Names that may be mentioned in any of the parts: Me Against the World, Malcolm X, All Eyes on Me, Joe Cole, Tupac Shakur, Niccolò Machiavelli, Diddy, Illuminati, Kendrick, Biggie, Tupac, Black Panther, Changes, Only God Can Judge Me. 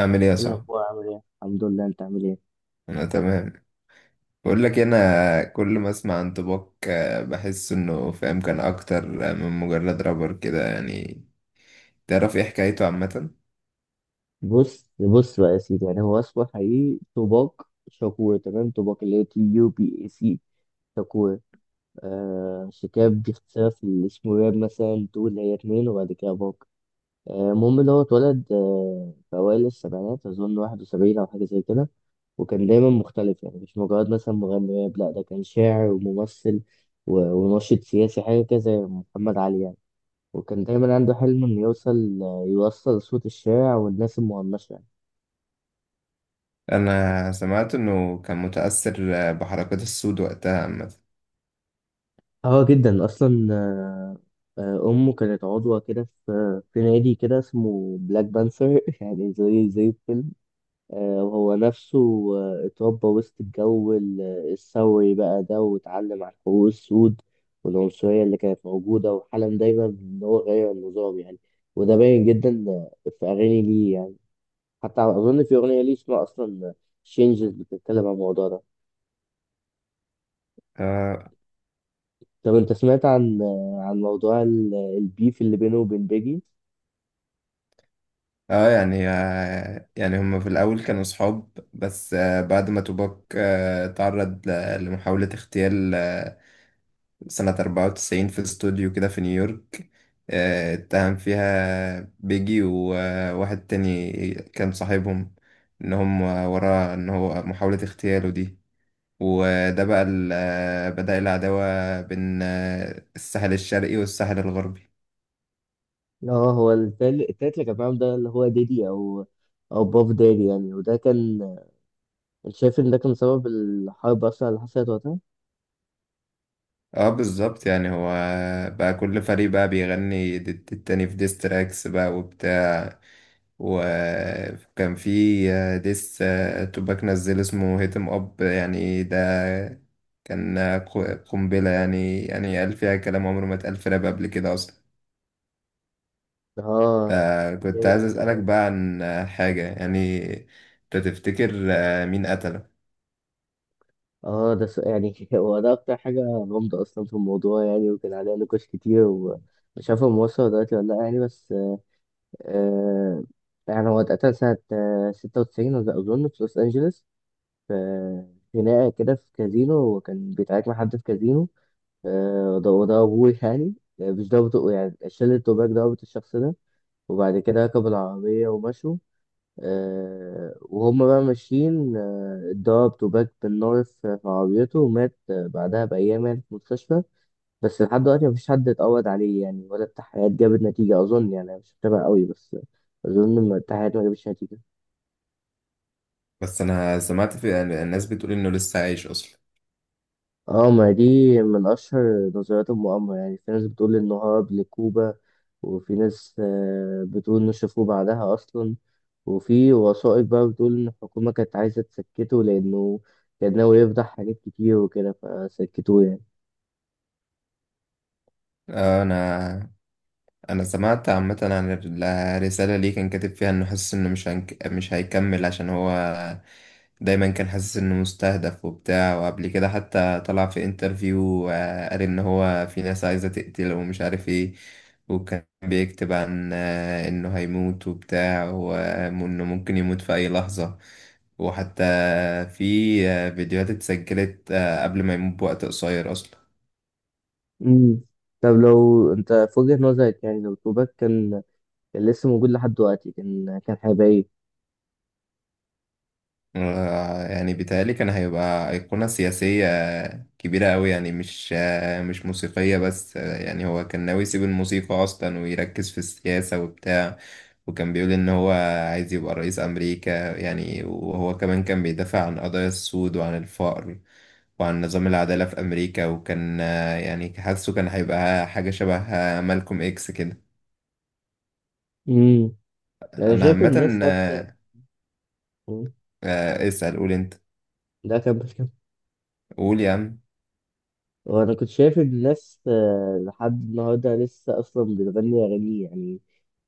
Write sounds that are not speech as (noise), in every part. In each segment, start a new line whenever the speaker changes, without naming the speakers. أعمل إيه يا
إيه
صاحبي؟
الأخبار عامل إيه؟ الحمد لله، أنت عامل إيه؟
أنا تمام. بقول لك إيه، أنا كل ما أسمع عن توباك بحس إنه فاهم كان أكتر من مجرد رابر كده يعني. تعرف إيه حكايته عامة؟
بص بص بقى يا سيدي، يعني هو اسمه حقيقي توباك شاكور. تمام، توباك اللي هي تي يو بي اي سي شاكور. شيكاب باختصار في الاسم راب، مثلا تو اللي هي اتنين وبعد كده باك. المهم اللي هو اتولد في أوائل السبعينات، أظن 71 أو حاجة زي كده. وكان دايما مختلف يعني، مش مجرد مثلا مغني راب، لا ده كان شاعر وممثل وناشط سياسي، حاجة كده زي محمد علي يعني. وكان دايما عنده حلم انه يوصل، يوصل صوت الشارع والناس المهمشة يعني.
أنا سمعت إنه كان متأثر بحركات السود وقتها عامة.
اه، جدا اصلا. آه، امه كانت عضوة كده في نادي كده اسمه بلاك بانثر (laughs) يعني زي الفيلم. وهو نفسه اتربى وسط الجو الثوري بقى ده، واتعلم عن حقوق السود والعنصرية اللي كانت موجودة، وحلم دايما ان هو يغير النظام يعني. وده باين جدا في اغاني ليه يعني. حتى اظن في اغنيه ليه اسمها اصلا changes، بتتكلم عن الموضوع ده.
آه,
طب انت سمعت عن موضوع البيف اللي بينه وبين بيجي؟
آه يعني، آه يعني هما في الأول كانوا صحاب، بس آه بعد ما توباك تعرض لمحاولة اغتيال سنة 94 في استوديو كده في نيويورك. اتهم فيها بيجي وواحد تاني كان صاحبهم ان هم وراه ان هو محاولة اغتياله دي. وده بقى بدأ العداوة بين الساحل الشرقي والساحل الغربي.
اه، هو التالت اللي كان معاهم ده، اللي هو ديدي او باف دادي يعني، وده كان. انت شايف ان ده كان سبب الحرب اصلا اللي حصلت وقتها؟
اه بالظبط يعني هو بقى كل فريق بقى بيغني ضد التاني في ديستراكس بقى وبتاع. وكان في ديس، توباك نزل اسمه هيتم اب يعني ده كان قنبلة، يعني يعني قال فيها كلام عمره ما اتقال في راب قبل كده أصلا.
اه،
كنت
جامد
عايز
أوي
أسألك
والله.
بقى عن حاجة يعني. أنت تفتكر مين قتله؟
اه، ده يعني (laughs) هو ده اكتر حاجه غامضه اصلا في الموضوع يعني، وكان عليها نقاش كتير، ومش عارف هو موصل دلوقتي ولا لا يعني. بس آه يعني هو اتقتل سنة 96، أظن في لوس أنجلوس. في خناقة كده في كازينو، وكان بيتعارك مع حد في كازينو. ده، وده أبوه يعني. مش ضابط يعني شلة توباك ضابط الشخص ده، وبعد كده ركبوا العربية ومشوا. وهم بقى ماشيين اتضرب توباك بالنار في عربيته، ومات بعدها بأيام يعني في المستشفى. بس لحد دلوقتي مفيش حد اتقبض عليه يعني، ولا التحقيقات جابت نتيجة أظن. يعني أنا مش متابع قوي، بس أظن إن التحقيقات ما جابتش نتيجة.
بس أنا سمعت في يعني الناس بتقول إنه لسه عايش أصلا.
اه، ما دي من أشهر نظريات المؤامرة يعني. في ناس بتقول إنه هرب لكوبا، وفي ناس بتقول إنه شافوه بعدها أصلا. وفي وثائق بقى بتقول إن الحكومة كانت عايزة تسكته لأنه كان ناوي يفضح حاجات كتير وكده، فسكتوه يعني.
آه، أنا أنا سمعت عامة عن الرسالة اللي كان كاتب فيها إنه حاسس إنه مش هيكمل عشان هو دايما كان حاسس انه مستهدف وبتاع. وقبل كده حتى طلع في انترفيو، قال ان هو في ناس عايزة تقتله ومش عارف ايه. وكان بيكتب عن انه هيموت وبتاع، وانه ممكن يموت في اي لحظة. وحتى في فيديوهات اتسجلت قبل ما يموت بوقت قصير اصلا.
مم. طب لو أنت في وجهة نظرك، يعني لو كوبا كان لسه موجود لحد دلوقتي، كان هيبقى إيه؟
يعني بيتهيألي كان هيبقى أيقونة سياسية كبيرة أوي، يعني مش مش موسيقية بس. يعني هو كان ناوي يسيب الموسيقى أصلا ويركز في السياسة وبتاع. وكان بيقول إن هو عايز يبقى رئيس أمريكا يعني. وهو كمان كان بيدافع عن قضايا السود وعن الفقر وعن نظام العدالة في أمريكا. وكان يعني حاسه كان هيبقى حاجة شبه مالكوم إكس كده.
امم. انا
أنا
شايف
عامة
الناس حتى. مم.
اسأل، قول أنت.
ده كان بس.
قول يا عم.
وانا كنت شايف الناس لحد النهارده لسه اصلا بتغني اغاني يعني.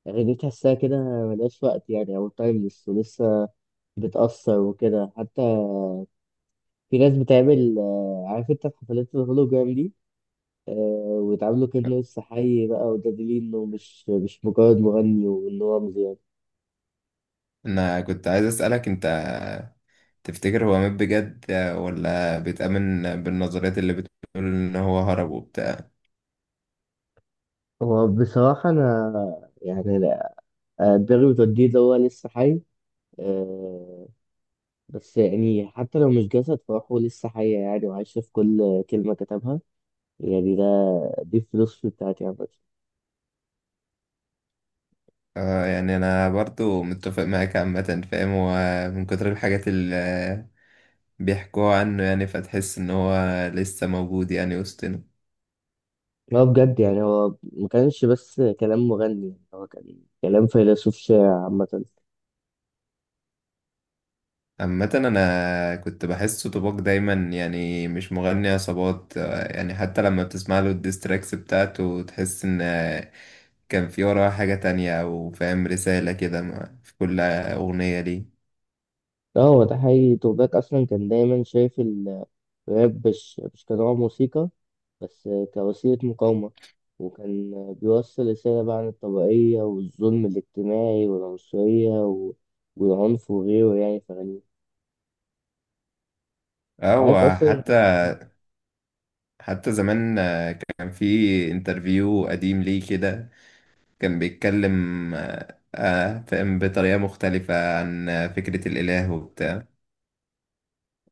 اغاني تحسها كده ملهاش وقت يعني او تايمليس، ولسه بتأثر وكده. حتى في ناس بتعمل عارف انت حفلات الهولوجرام دي، آه، ويتعاملوا كأنه لسه حي بقى، ودليل انه مش مجرد مغني، وان هو رمز يعني.
انا كنت عايز اسالك، انت تفتكر هو مات بجد ولا بيتأمن بالنظريات اللي بتقول ان هو هرب وبتاع؟
هو بصراحة أنا يعني لا، دماغي بتوديه اللي هو لسه حي. آه، بس يعني حتى لو مش جسد، فروحه لسه حية يعني، وعايشة في كل كلمة كتبها يعني. دي الفلوس بتاعتي عامة.
يعني انا برضو متفق معاك عامه. فاهم هو من كتر الحاجات اللي بيحكوها عنه يعني، فتحس ان هو لسه موجود يعني وسطنا.
هو بجد يعني، هو ما كانش بس كلام مغني يعني، هو كان كلام فيلسوف شاعر عامة.
عامة أنا كنت بحسه طباق دايما، يعني مش مغني عصابات. يعني حتى لما بتسمع له الديستراكس بتاعته تحس إن كان في وراها حاجة تانية، أو فاهم رسالة كده في كل أغنية ليه.
لا، هو ده حقيقي توباك أصلا كان دايما شايف الراب مش كنوع موسيقى، بس كوسيلة مقاومة. وكان بيوصل رسالة بقى عن الطبقية والظلم الاجتماعي والعنصرية والعنف وغيره يعني في أغانيه.
أو
عارف أصلا.
حتى حتى زمان كان في انترفيو قديم ليه كده، كان بيتكلم فاهم بطريقة مختلفة عن فكرة الإله وبتاع.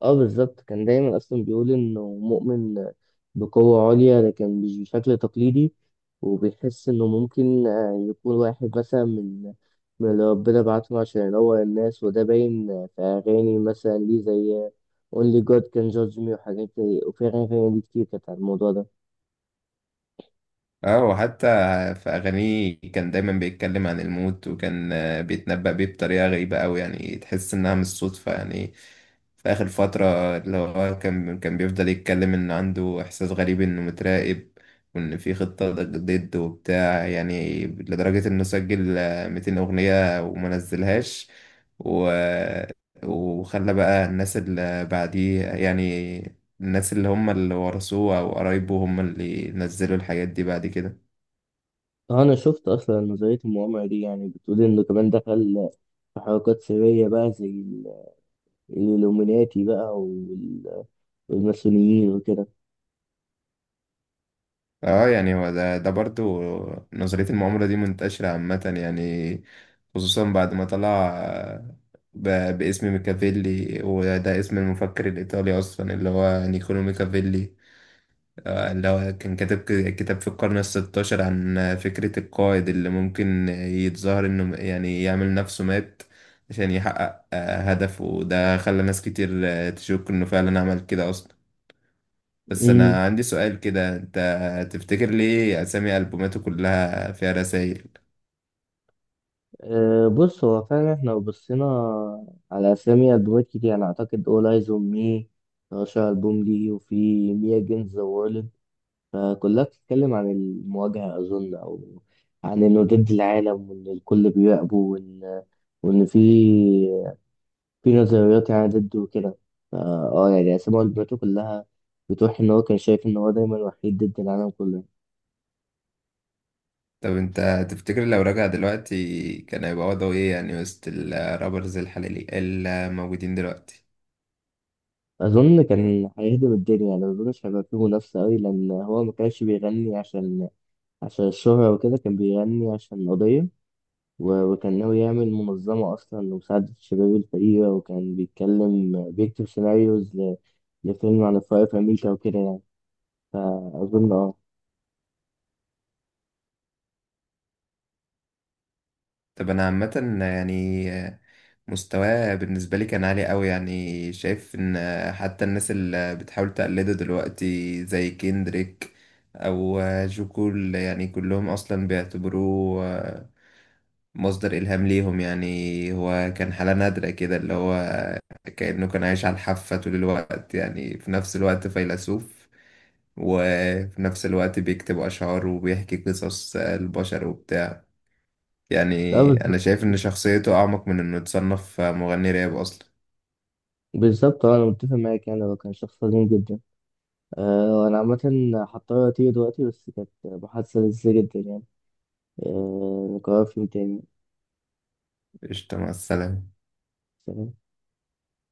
اه، بالظبط، كان دايما اصلا بيقول انه مؤمن بقوة عليا لكن مش بشكل تقليدي، وبيحس انه ممكن يكون واحد مثلا من اللي ربنا بعته عشان ينور الناس. وده باين في اغاني مثلا ليه زي Only God Can Judge Me وحاجات زي، وفي اغاني تانية ليه كتير كانت عن الموضوع ده.
اه وحتى في أغانيه كان دايما بيتكلم عن الموت، وكان بيتنبأ بيه بطريقة غريبة أوي، يعني تحس إنها مش صدفة يعني. في آخر فترة اللي هو كان بيفضل يتكلم إن عنده إحساس غريب إنه متراقب، وإن في خطة ضد وبتاع يعني، لدرجة إنه سجل 200 أغنية وما نزلهاش. و... وخلى بقى الناس اللي بعديه يعني، الناس اللي هم اللي ورثوه او قرايبه هم اللي نزلوا الحاجات دي بعد كده.
اه، انا شفت اصلا نظرية المؤامرة دي، يعني بتقول انه كمان دخل في حركات سرية بقى زي الإلوميناتي بقى والماسونيين وكده.
اه يعني هو ده برضو، نظرية المؤامرة دي منتشرة عامة يعني، خصوصا بعد ما طلع باسم ميكافيلي، وده اسم المفكر الإيطالي أصلا اللي هو نيكولو ميكافيلي. اللي هو كان كتب كتاب في القرن الستاشر عن فكرة القائد اللي ممكن يتظاهر إنه يعني يعمل نفسه مات عشان يحقق هدفه. ده خلى ناس كتير تشك إنه فعلا عمل كده أصلا. بس أنا عندي سؤال كده، أنت تفتكر ليه أسامي ألبوماته كلها فيها رسايل؟
بص هو فعلا، احنا لو بصينا على أسامي ألبومات كتير، أنا أعتقد All Eyes on Me أشهر ألبوم ليه، وفي Me Against the World. فكلها بتتكلم عن المواجهة أظن، أو عن إنه ضد العالم، وإن الكل بيراقبه، وإن في نظريات يعني ضده وكده. فا اه يعني أسامي ألبوماته كلها بتوحي إن هو كان شايف إن هو دايما وحيد ضد العالم كله.
طب أنت تفتكر لو رجع دلوقتي كان هيبقى وضعه إيه يعني وسط الرابرز الحالي الموجودين دلوقتي؟
أظن كان هيهدم الدنيا يعني، مظنش هيبقى فيه منافسة أوي، لأن هو مكانش بيغني عشان الشهرة وكده، كان بيغني عشان قضية وكان ناوي يعمل منظمة أصلا لمساعدة الشباب الفقيرة، وكان بيتكلم بيكتب سيناريوز لفيلم عن الفقر في أمريكا وكده يعني. فأظن
طب أنا عامة يعني مستواه بالنسبة لي كان عالي قوي. يعني شايف ان حتى الناس اللي بتحاول تقلده دلوقتي زي كيندريك او جو كول، يعني كلهم اصلا بيعتبروه مصدر الهام ليهم يعني. هو كان حالة نادرة كده، اللي هو كأنه كان عايش على الحافة طول الوقت يعني. في نفس الوقت فيلسوف، وفي نفس الوقت بيكتب أشعار وبيحكي قصص البشر وبتاع
لا
يعني. أنا
بالظبط.
شايف إن شخصيته أعمق من إنه يتصنف مغني راب أصلا.
بالظبط، أنا متفق معاك يعني، هو كان شخص عظيم جدا. وأنا عامة هضطر أطير دلوقتي، بس كانت محادثة لذيذة جدا يعني. نكررها في يوم تاني.
قشطة، مع السلامة.
سلام.